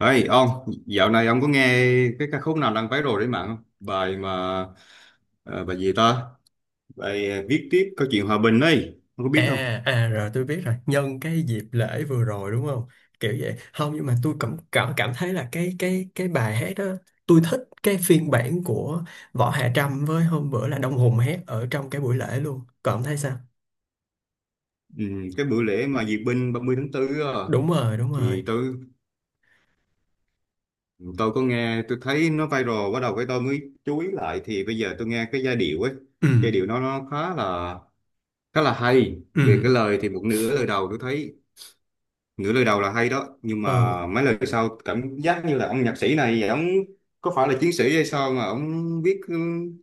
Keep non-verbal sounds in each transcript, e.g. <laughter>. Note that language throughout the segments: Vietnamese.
Ê ông, dạo này ông có nghe cái ca khúc nào đang viral trên mạng không? Bài mà ờ, bài gì ta? Bài viết tiếp câu chuyện hòa bình ấy, ông có À, biết không? Rồi tôi biết rồi. Nhân cái dịp lễ vừa rồi đúng không, kiểu vậy không? Nhưng mà tôi cảm cảm cảm thấy là cái bài hát đó, tôi thích cái phiên bản của Võ Hạ Trâm, với hôm bữa là Đông Hùng hát ở trong cái buổi lễ luôn. Còn ông thấy sao? Ừ, cái bữa lễ mà duyệt binh 30/4 á, Đúng rồi, đúng rồi. thì tôi có nghe, tôi thấy nó viral, bắt đầu cái tôi mới chú ý lại, thì bây giờ tôi nghe cái giai điệu ấy, ừ giai điệu nó khá là hay. ừ Về cái lời thì một nửa lời đầu tôi thấy, nửa lời đầu là hay đó, nhưng ừ mà mấy lời sau cảm giác như là ông nhạc sĩ này ông có phải là chiến sĩ hay sao mà ông viết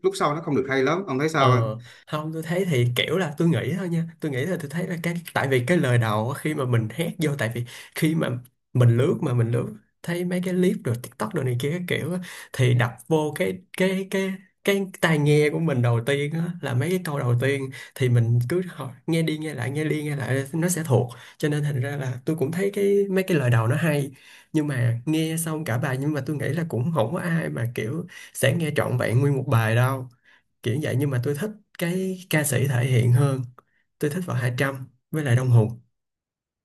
lúc sau nó không được hay lắm. Ông thấy Ờ, sao không? không, tôi thấy thì kiểu là tôi nghĩ thôi nha, tôi nghĩ là tôi thấy là cái, tại vì cái lời đầu á, khi mà mình hét vô, tại vì khi mà mình lướt, mà mình lướt thấy mấy cái clip rồi TikTok rồi này kia cái kiểu á, thì đập vô cái tai nghe của mình đầu tiên á, là mấy cái câu đầu tiên, thì mình cứ hỏi, nghe đi nghe lại nghe đi nghe lại nó sẽ thuộc, cho nên thành ra là tôi cũng thấy cái mấy cái lời đầu nó hay, nhưng mà nghe xong cả bài, nhưng mà tôi nghĩ là cũng không có ai mà kiểu sẽ nghe trọn vẹn nguyên một bài đâu, kiểu vậy. Nhưng mà tôi thích cái ca sĩ thể hiện hơn. Tôi thích Võ Hạ Trâm với lại Đông Hùng.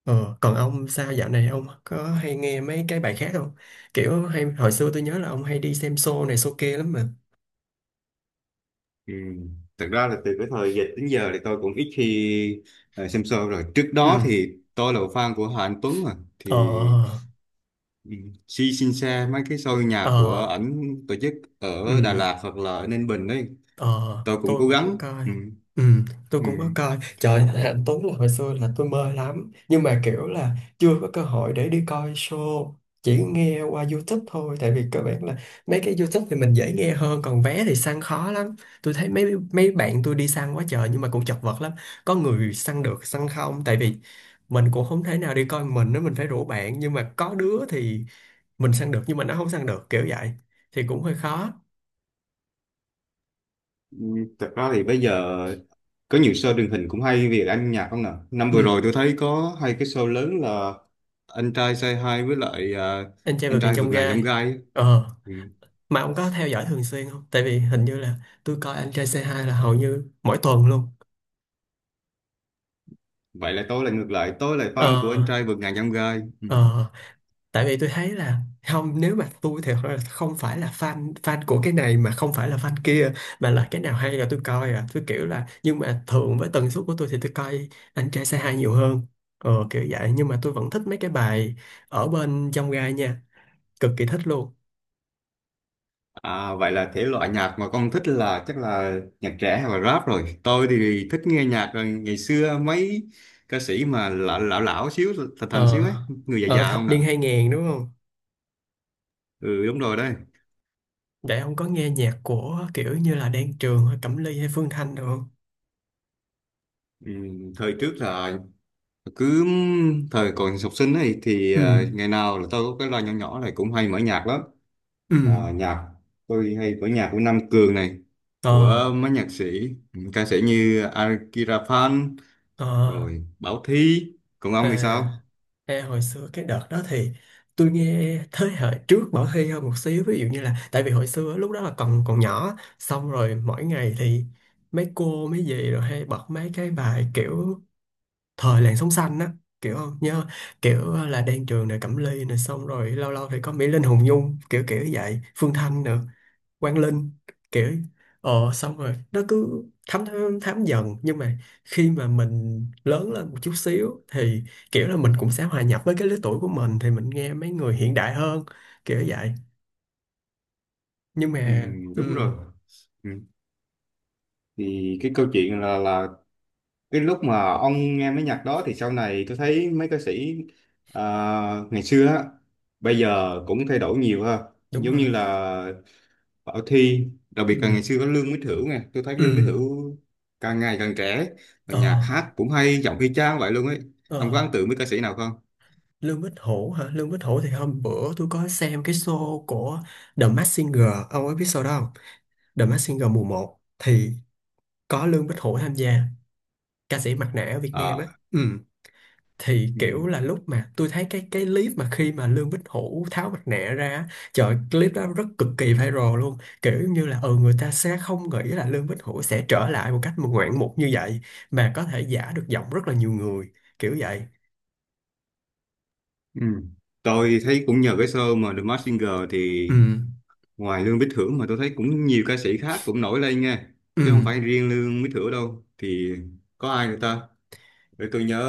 Ờ, còn ông sao, dạo này ông có hay nghe mấy cái bài khác không? Kiểu hay hồi xưa tôi nhớ là ông hay đi xem show này show kia lắm mà. Ừ, thật ra là từ cái thời dịch đến giờ thì tôi cũng ít khi xem show, rồi trước đó ừ thì tôi là fan của Hà Anh Tuấn mà thì ờ ừ, si xin xe mấy cái show nhạc của ờ ảnh tổ chức ở Đà ừ Lạt hoặc là ở Ninh Bình đấy. Ờ, Tôi cũng tôi cố cũng có gắng. coi. Ừ. Ừ, tôi cũng có Ừ. coi. Trời, <laughs> anh Tuấn là hồi xưa là tôi mê lắm. Nhưng mà kiểu là chưa có cơ hội để đi coi show. Chỉ nghe qua YouTube thôi. Tại vì các bạn là mấy cái YouTube thì mình dễ nghe hơn. Còn vé thì săn khó lắm. Tôi thấy mấy mấy bạn tôi đi săn quá trời nhưng mà cũng chật vật lắm. Có người săn được, săn không. Tại vì mình cũng không thể nào đi coi mình nữa. Mình phải rủ bạn. Nhưng mà có đứa thì mình săn được nhưng mà nó không săn được. Kiểu vậy. Thì cũng hơi khó. Ừ, thật ra thì bây giờ có nhiều show truyền hình cũng hay về âm nhạc, không nào năm vừa rồi Ừ. tôi thấy có hai cái show lớn là anh trai Say Hi với lại à, Anh trai anh vượt ngàn trai chông vượt ngàn chông gai. gai á. Ờ, Ừ, mà ông có theo dõi thường xuyên không, tại vì hình như là tôi coi anh trai c hai là hầu như mỗi tuần luôn. vậy là tôi là ngược lại, tôi là fan của anh ờ trai vượt ngàn chông gai. Ừ. ờ Tại vì tôi thấy là, không, nếu mà tôi thì thật ra là không phải là fan fan của cái này mà không phải là fan kia, mà là cái nào hay là tôi coi à, tôi kiểu là, nhưng mà thường với tần suất của tôi thì tôi coi anh trai c hai nhiều hơn. Ờ, kiểu vậy. Nhưng mà tôi vẫn thích mấy cái bài ở bên trong gai nha, cực kỳ thích luôn. À, vậy là thể loại nhạc mà con thích là chắc là nhạc trẻ hay là rap, rồi tôi thì thích nghe nhạc, rồi ngày xưa mấy ca sĩ mà lão lão, lão xíu, thành thành xíu ờ ấy, người già Ở già thập không nè. niên 2000 đúng không? Ừ, đúng rồi đấy. Vậy ông có nghe nhạc của kiểu như là Đan Trường hay Cẩm Ly hay Phương Thanh được không? Ừ, thời trước là cứ thời còn học sinh ấy thì à, ừ ngày nào là tôi có cái loa nhỏ nhỏ này cũng hay mở nhạc lắm, ừ mà nhạc, tôi hay mở nhạc của Nam Cường này, Ờ, của mấy nhạc sĩ, ca sĩ như Akira Phan, ờ, rồi Bảo Thy. Còn ông thì à, sao? Ê, hồi xưa cái đợt đó thì tôi nghe thế hệ trước Bảo Hy hơn một xíu, ví dụ như là, tại vì hồi xưa lúc đó là còn còn nhỏ, xong rồi mỗi ngày thì mấy cô mấy dì rồi hay bật mấy cái bài kiểu thời làn sóng xanh á, kiểu không nhớ, kiểu là Đan Trường này, Cẩm Ly này, xong rồi lâu lâu thì có Mỹ Linh, Hùng Nhung, kiểu kiểu vậy, Phương Thanh nữa, Quang Linh, kiểu, ờ, xong rồi nó cứ thấm thấm, thấm dần. Nhưng mà khi mà mình lớn lên một chút xíu thì kiểu là mình cũng sẽ hòa nhập với cái lứa tuổi của mình thì mình nghe mấy người hiện đại hơn, kiểu vậy. Nhưng mà Ừ, ừ, đúng rồi. Ừ, thì cái câu chuyện là cái lúc mà ông nghe mấy nhạc đó thì sau này tôi thấy mấy ca sĩ à, ngày xưa á, bây giờ cũng thay đổi nhiều ha. đúng Giống như rồi. là Bảo Thy, đặc ừ biệt là ngày xưa có Lương Mỹ Thửu nè. Tôi thấy ừ Lương Mỹ Thửu càng ngày càng trẻ, và nhạc ờ hát cũng hay, giọng y chang vậy luôn ấy. Ông có ờ ấn tượng với ca sĩ nào không? Lương Bích Hữu hả? Lương Bích Hữu thì hôm bữa tôi có xem cái show của The Masked Singer, ông ấy biết show đó không? The Masked Singer mùa một thì có Lương Bích Hữu tham gia, ca sĩ mặt nạ ở Việt Nam Ờ. á. Ừ, thì Ừ. kiểu là lúc mà tôi thấy cái clip mà khi mà Lương Bích Hữu tháo mặt nạ ra á, trời ơi, clip đó rất cực kỳ viral luôn, kiểu như là ừ, người ta sẽ không nghĩ là Lương Bích Hữu sẽ trở lại một cách mà ngoạn mục như vậy, mà có thể giả được giọng rất là nhiều người, kiểu vậy. Ừ, tôi thấy cũng nhờ cái show mà The Masked Singer thì ừ ngoài Lương Mỹ thưởng mà tôi thấy cũng nhiều ca sĩ khác cũng nổi lên nha, ừ chứ không phải riêng Lương Mỹ thưởng đâu. Thì có ai nữa ta? Để tôi nhớ.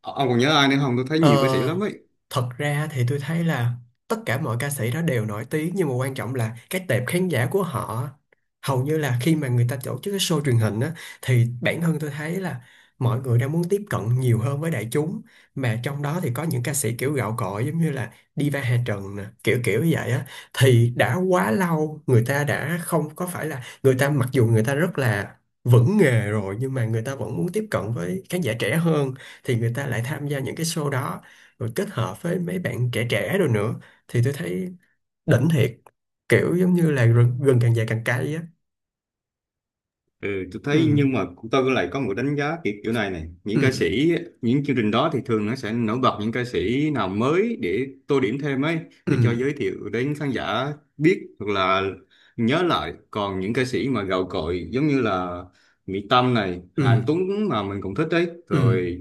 Ông còn nhớ ai nữa không? Tôi thấy nhiều ca sĩ lắm Ờ, ấy. thật ra thì tôi thấy là tất cả mọi ca sĩ đó đều nổi tiếng, nhưng mà quan trọng là cái tệp khán giả của họ. Hầu như là khi mà người ta tổ chức cái show truyền hình á, thì bản thân tôi thấy là mọi người đang muốn tiếp cận nhiều hơn với đại chúng, mà trong đó thì có những ca sĩ kiểu gạo cội giống như là Diva Hà Trần nè, kiểu kiểu như vậy á, thì đã quá lâu người ta đã không có, phải là người ta mặc dù người ta rất là vững nghề rồi nhưng mà người ta vẫn muốn tiếp cận với khán giả trẻ hơn, thì người ta lại tham gia những cái show đó, rồi kết hợp với mấy bạn trẻ trẻ rồi nữa, thì tôi thấy đỉnh thiệt, kiểu giống như là rừng, rừng càng dài càng cay á. Ừ, tôi ừ thấy, nhưng mà tôi lại có một đánh giá kiểu này này những ừ ca sĩ, những chương trình đó thì thường nó sẽ nổi bật những ca sĩ nào mới để tô điểm thêm ấy, ừ để cho giới thiệu đến khán giả biết hoặc là nhớ lại. Còn những ca sĩ mà gạo cội giống như là Mỹ Tâm này, Hà ừ Anh Tuấn mà mình cũng thích đấy ừ rồi,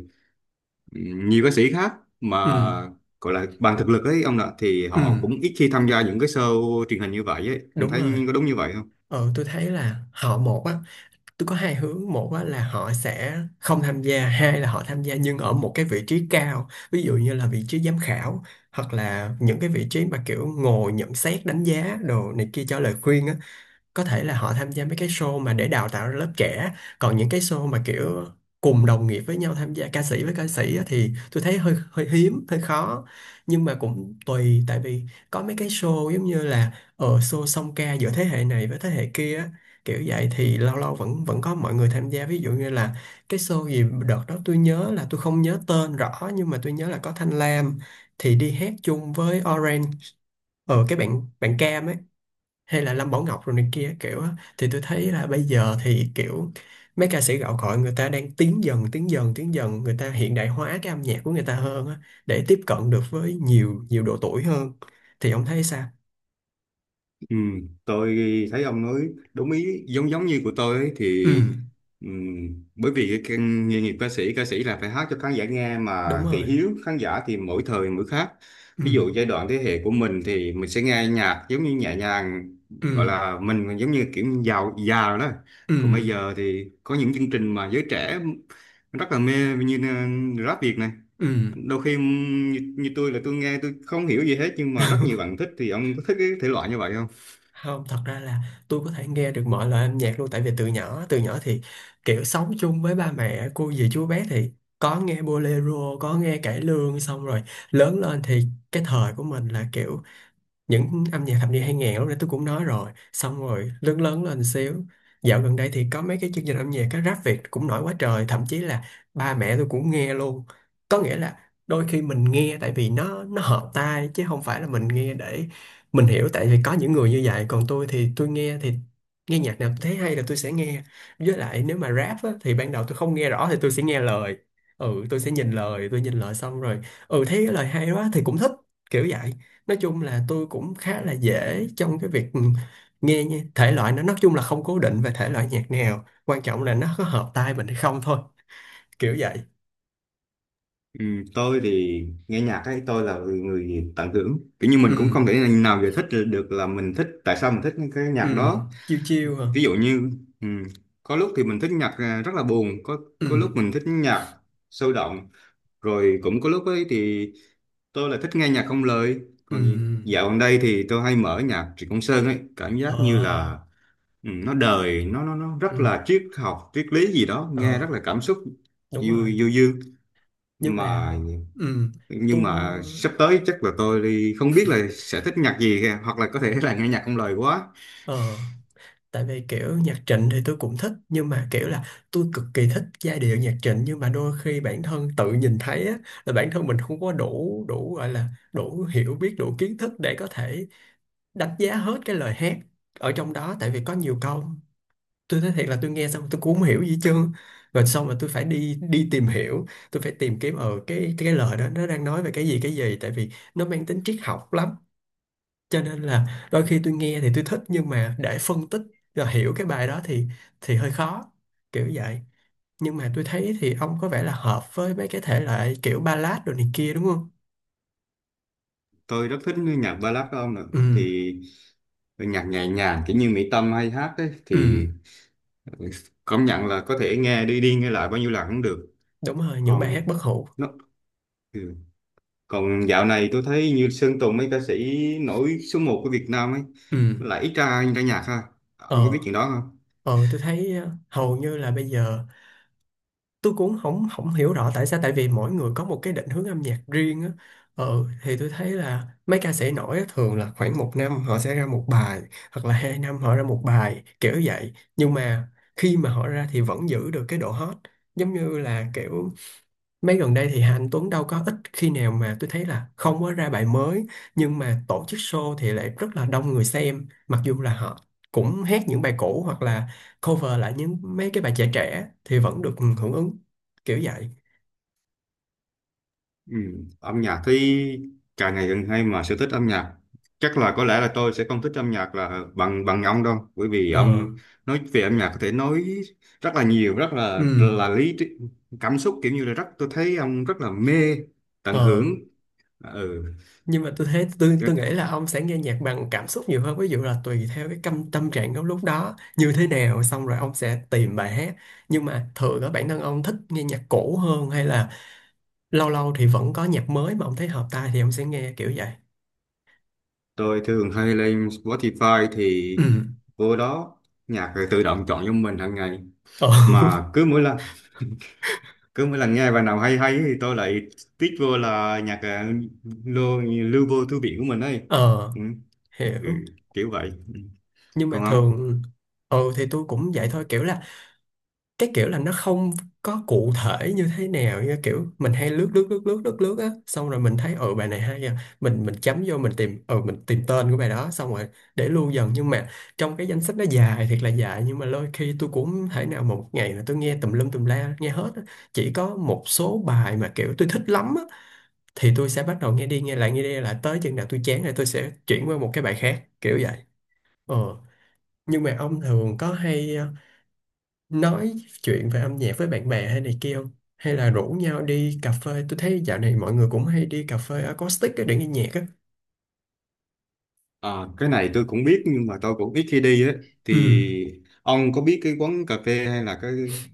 nhiều ca sĩ khác mà ừ gọi là bằng thực lực ấy ông ạ, thì ừ họ cũng ít khi tham gia những cái show truyền hình như vậy ấy. Ông Đúng thấy rồi. có đúng như vậy không? Ờ, tôi thấy là họ một á, tôi có hai hướng: một á là họ sẽ không tham gia, hai là họ tham gia nhưng ở một cái vị trí cao, ví dụ như là vị trí giám khảo, hoặc là những cái vị trí mà kiểu ngồi nhận xét đánh giá đồ này kia cho lời khuyên á. Có thể là họ tham gia mấy cái show mà để đào tạo ra lớp trẻ. Còn những cái show mà kiểu cùng đồng nghiệp với nhau tham gia, ca sĩ với ca sĩ á, thì tôi thấy hơi hơi hiếm, hơi khó. Nhưng mà cũng tùy, tại vì có mấy cái show giống như là ở show song ca giữa thế hệ này với thế hệ kia á, kiểu vậy thì lâu lâu vẫn vẫn có mọi người tham gia, ví dụ như là cái show gì đợt đó tôi nhớ là, tôi không nhớ tên rõ, nhưng mà tôi nhớ là có Thanh Lam thì đi hát chung với Orange, ở cái bạn bạn Cam ấy, hay là Lâm Bảo Ngọc rồi này kia kiểu á. Thì tôi thấy là bây giờ thì kiểu mấy ca sĩ gạo cội người ta đang tiến dần người ta hiện đại hóa cái âm nhạc của người ta hơn á, để tiếp cận được với nhiều nhiều độ tuổi hơn. Thì ông thấy sao? Ừ, tôi thấy ông nói đúng ý, giống giống như của tôi ấy, thì ừ bởi vì cái nghề nghiệp ca sĩ là phải hát cho khán giả nghe, Đúng mà thị rồi. hiếu khán giả thì mỗi thời mỗi khác. ừ Ví dụ giai đoạn thế hệ của mình thì mình sẽ nghe nhạc giống như nhẹ nhàng, ừ gọi là mình giống như kiểu giàu già rồi đó. ừ Còn bây giờ thì có những chương trình mà giới trẻ rất là mê như rap Việt này. ừ Đôi khi như tôi là tôi nghe, tôi không hiểu gì hết nhưng mà rất nhiều <laughs> bạn thích. Thì ông có thích cái thể loại như vậy không? Không, thật ra là tôi có thể nghe được mọi loại âm nhạc luôn, tại vì từ nhỏ thì kiểu sống chung với ba mẹ cô dì chú bé thì có nghe bolero, có nghe cải lương, xong rồi lớn lên thì cái thời của mình là kiểu những âm nhạc thập niên 2000, lúc nãy tôi cũng nói rồi, xong rồi lớn lớn lên xíu, dạo gần đây thì có mấy cái chương trình âm nhạc, cái rap Việt cũng nổi quá trời, thậm chí là ba mẹ tôi cũng nghe luôn. Có nghĩa là đôi khi mình nghe tại vì nó hợp tai, chứ không phải là mình nghe để mình hiểu, tại vì có những người như vậy. Còn tôi thì tôi nghe thì nghe nhạc nào tôi thấy hay là tôi sẽ nghe. Với lại nếu mà rap á, thì ban đầu tôi không nghe rõ thì tôi sẽ nghe lời, ừ, tôi sẽ nhìn lời, tôi nhìn lời xong rồi ừ, thấy cái lời hay quá thì cũng thích, kiểu vậy. Nói chung là tôi cũng khá là dễ trong cái việc nghe nha. Thể loại nó nói chung là không cố định về thể loại nhạc nào, quan trọng là nó có hợp tai mình hay không thôi, kiểu vậy. Ừ, tôi thì nghe nhạc ấy, tôi là người tận hưởng, kiểu như mình ừ cũng không thể nào giải thích được là mình thích tại sao mình thích những cái ừ nhạc đó. Chiêu chiêu hả? Ví dụ như ừ, có lúc thì mình thích nhạc rất là buồn, ừ có lúc mình thích nhạc sôi động, rồi cũng có lúc ấy thì tôi là thích nghe nhạc không lời. ừ Còn dạo gần đây thì tôi hay mở nhạc Trịnh Công Sơn ấy, cảm giác như là ờ nó đời, nó ừ rất là triết học, triết lý gì đó, nghe rất ờ là cảm xúc, Đúng du rồi. du dương Nhưng mà mà ừ, nhưng tôi mà sắp tới chắc là tôi đi, không biết là sẽ thích nhạc gì kìa. Hoặc là có thể là nghe nhạc không lời quá. ờ, tại vì kiểu nhạc Trịnh thì tôi cũng thích nhưng mà kiểu là tôi cực kỳ thích giai điệu nhạc Trịnh, nhưng mà đôi khi bản thân tự nhìn thấy á, là bản thân mình không có đủ, gọi là đủ hiểu biết, đủ kiến thức để có thể đánh giá hết cái lời hát ở trong đó, tại vì có nhiều câu tôi nói thiệt là tôi nghe xong tôi cũng không hiểu gì hết trơn, rồi xong mà tôi phải đi đi tìm hiểu, tôi phải tìm kiếm ở cái lời đó nó đang nói về cái gì, tại vì nó mang tính Triết học lắm, cho nên là đôi khi tôi nghe thì tôi thích, nhưng mà để phân tích và hiểu cái bài đó thì hơi khó, kiểu vậy. Nhưng mà tôi thấy thì ông có vẻ là hợp với mấy cái thể loại kiểu ballad rồi này kia, đúng không? Tôi rất thích nhạc ballad của ông nữa, Ừ, thì nhạc nhẹ nhàng kiểu như Mỹ Tâm hay hát ấy, ừ, thì công nhận là có thể nghe đi đi nghe lại bao nhiêu lần cũng được. đúng rồi, những Còn bài hát bất hủ. nó Ừ. Còn dạo này tôi thấy như Sơn Tùng, mấy ca sĩ nổi số một của Việt Nam ấy Ừ. lại ít ra ra nhạc ha. ờ Ông có biết chuyện đó không? ờ, tôi thấy, hầu như là bây giờ tôi cũng không không hiểu rõ tại sao, tại vì mỗi người có một cái định hướng âm nhạc riêng á. Ờ, thì tôi thấy là mấy ca sĩ nổi á, thường là khoảng một năm họ sẽ ra một bài, hoặc là hai năm họ ra một bài, kiểu vậy. Nhưng mà khi mà họ ra thì vẫn giữ được cái độ hot, giống như là kiểu mấy gần đây thì Hà Anh Tuấn đâu có ít khi nào mà tôi thấy là không có ra bài mới, nhưng mà tổ chức show thì lại rất là đông người xem, mặc dù là họ cũng hát những bài cũ, hoặc là cover lại những mấy cái bài trẻ trẻ thì vẫn được hưởng ứng, kiểu vậy. Ừ, âm nhạc thì càng ngày càng hay, mà sở thích âm nhạc chắc là có lẽ là tôi sẽ không thích âm nhạc là bằng bằng ông đâu, bởi vì ông Ờ. nói về âm nhạc có thể nói rất là nhiều, rất là Ừ. là lý trí, cảm xúc, kiểu như là rất, tôi thấy ông rất là mê tận Ờ, hưởng. Ừ. nhưng mà tôi thấy tôi Chứ tôi nghĩ là ông sẽ nghe nhạc bằng cảm xúc nhiều hơn, ví dụ là tùy theo cái tâm tâm trạng của lúc đó như thế nào, xong rồi ông sẽ tìm bài hát. Nhưng mà thường ở bản thân ông thích nghe nhạc cũ hơn, hay là lâu lâu thì vẫn có nhạc mới mà ông thấy hợp tai thì ông sẽ nghe, kiểu vậy. tôi thường hay lên Spotify, thì Ừ. vô đó nhạc tự động chọn cho mình hàng ngày, Ờ. <laughs> mà cứ mỗi lần nghe bài nào hay hay thì tôi lại tích vô là nhạc, lưu vô thư viện của mình ấy. Ờ, Ừ. Ừ, hiểu. kiểu vậy. Ừ. Nhưng mà Còn ông. thường, ừ, thì tôi cũng Ừ. vậy thôi, kiểu là cái kiểu là nó không có cụ thể như thế nào, như kiểu mình hay lướt lướt lướt lướt lướt lướt á, xong rồi mình thấy, ừ, bài này hay à, mình chấm vô, mình tìm, ừ, mình tìm tên của bài đó, xong rồi để lưu dần. Nhưng mà trong cái danh sách nó dài thiệt là dài, nhưng mà đôi khi tôi cũng không thể nào mà một ngày là tôi nghe tùm lum tùm la nghe hết á. Chỉ có một số bài mà kiểu tôi thích lắm thì tôi sẽ bắt đầu nghe đi nghe lại, nghe đi nghe lại tới chừng nào tôi chán rồi tôi sẽ chuyển qua một cái bài khác, kiểu vậy. Ờ, nhưng mà ông thường có hay nói chuyện về âm nhạc với bạn bè hay này kia không, hay là rủ nhau đi cà phê? Tôi thấy dạo này mọi người cũng hay đi cà phê acoustic á để nghe nhạc á. À, cái này tôi cũng biết nhưng mà tôi cũng ít khi đi ấy, Ừ. thì ông có biết cái quán cà phê hay là cái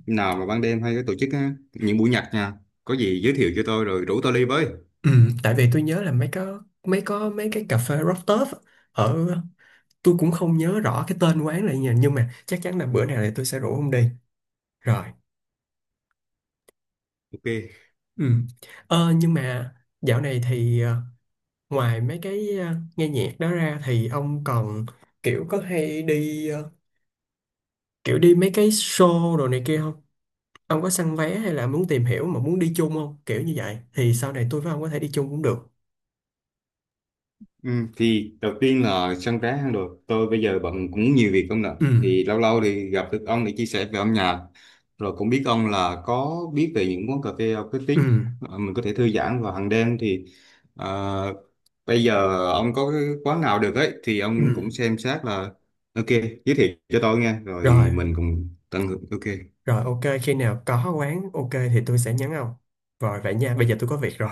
nào mà ban đêm hay cái tổ chức á, những buổi nhạc nha, có gì giới thiệu cho tôi rồi rủ tôi đi với. Ừ, tại vì tôi nhớ là mấy có mấy có mấy cái cà phê rooftop á, ở, tôi cũng không nhớ rõ cái tên quán là gì nhờ, nhưng mà chắc chắn là bữa nào thì tôi sẽ rủ ông đi. Rồi. Ok. Ừ. Ờ, nhưng mà dạo này thì ngoài mấy cái nghe nhạc đó ra thì ông còn kiểu có hay đi kiểu đi mấy cái show đồ này kia không? Ông có săn vé hay là muốn tìm hiểu mà muốn đi chung không? Kiểu như vậy thì sau này tôi với ông có thể đi chung cũng được. Ừ, thì đầu tiên là sân trái hang được, tôi bây giờ bận cũng nhiều việc không nè, Ừ, thì lâu lâu thì gặp được ông để chia sẻ về âm nhạc, rồi cũng biết ông là có biết về những quán cà phê acoustic, ừ, mình có thể thư giãn vào hàng đêm thì ờ, bây giờ ông có cái quán nào được ấy thì ừ. ông cũng xem xét là ok, giới thiệu cho tôi nghe Rồi, rồi mình cùng tận hưởng. Ok. rồi, ok, khi nào có quán ok thì tôi sẽ nhắn ông. Rồi vậy nha, bây giờ tôi có việc rồi.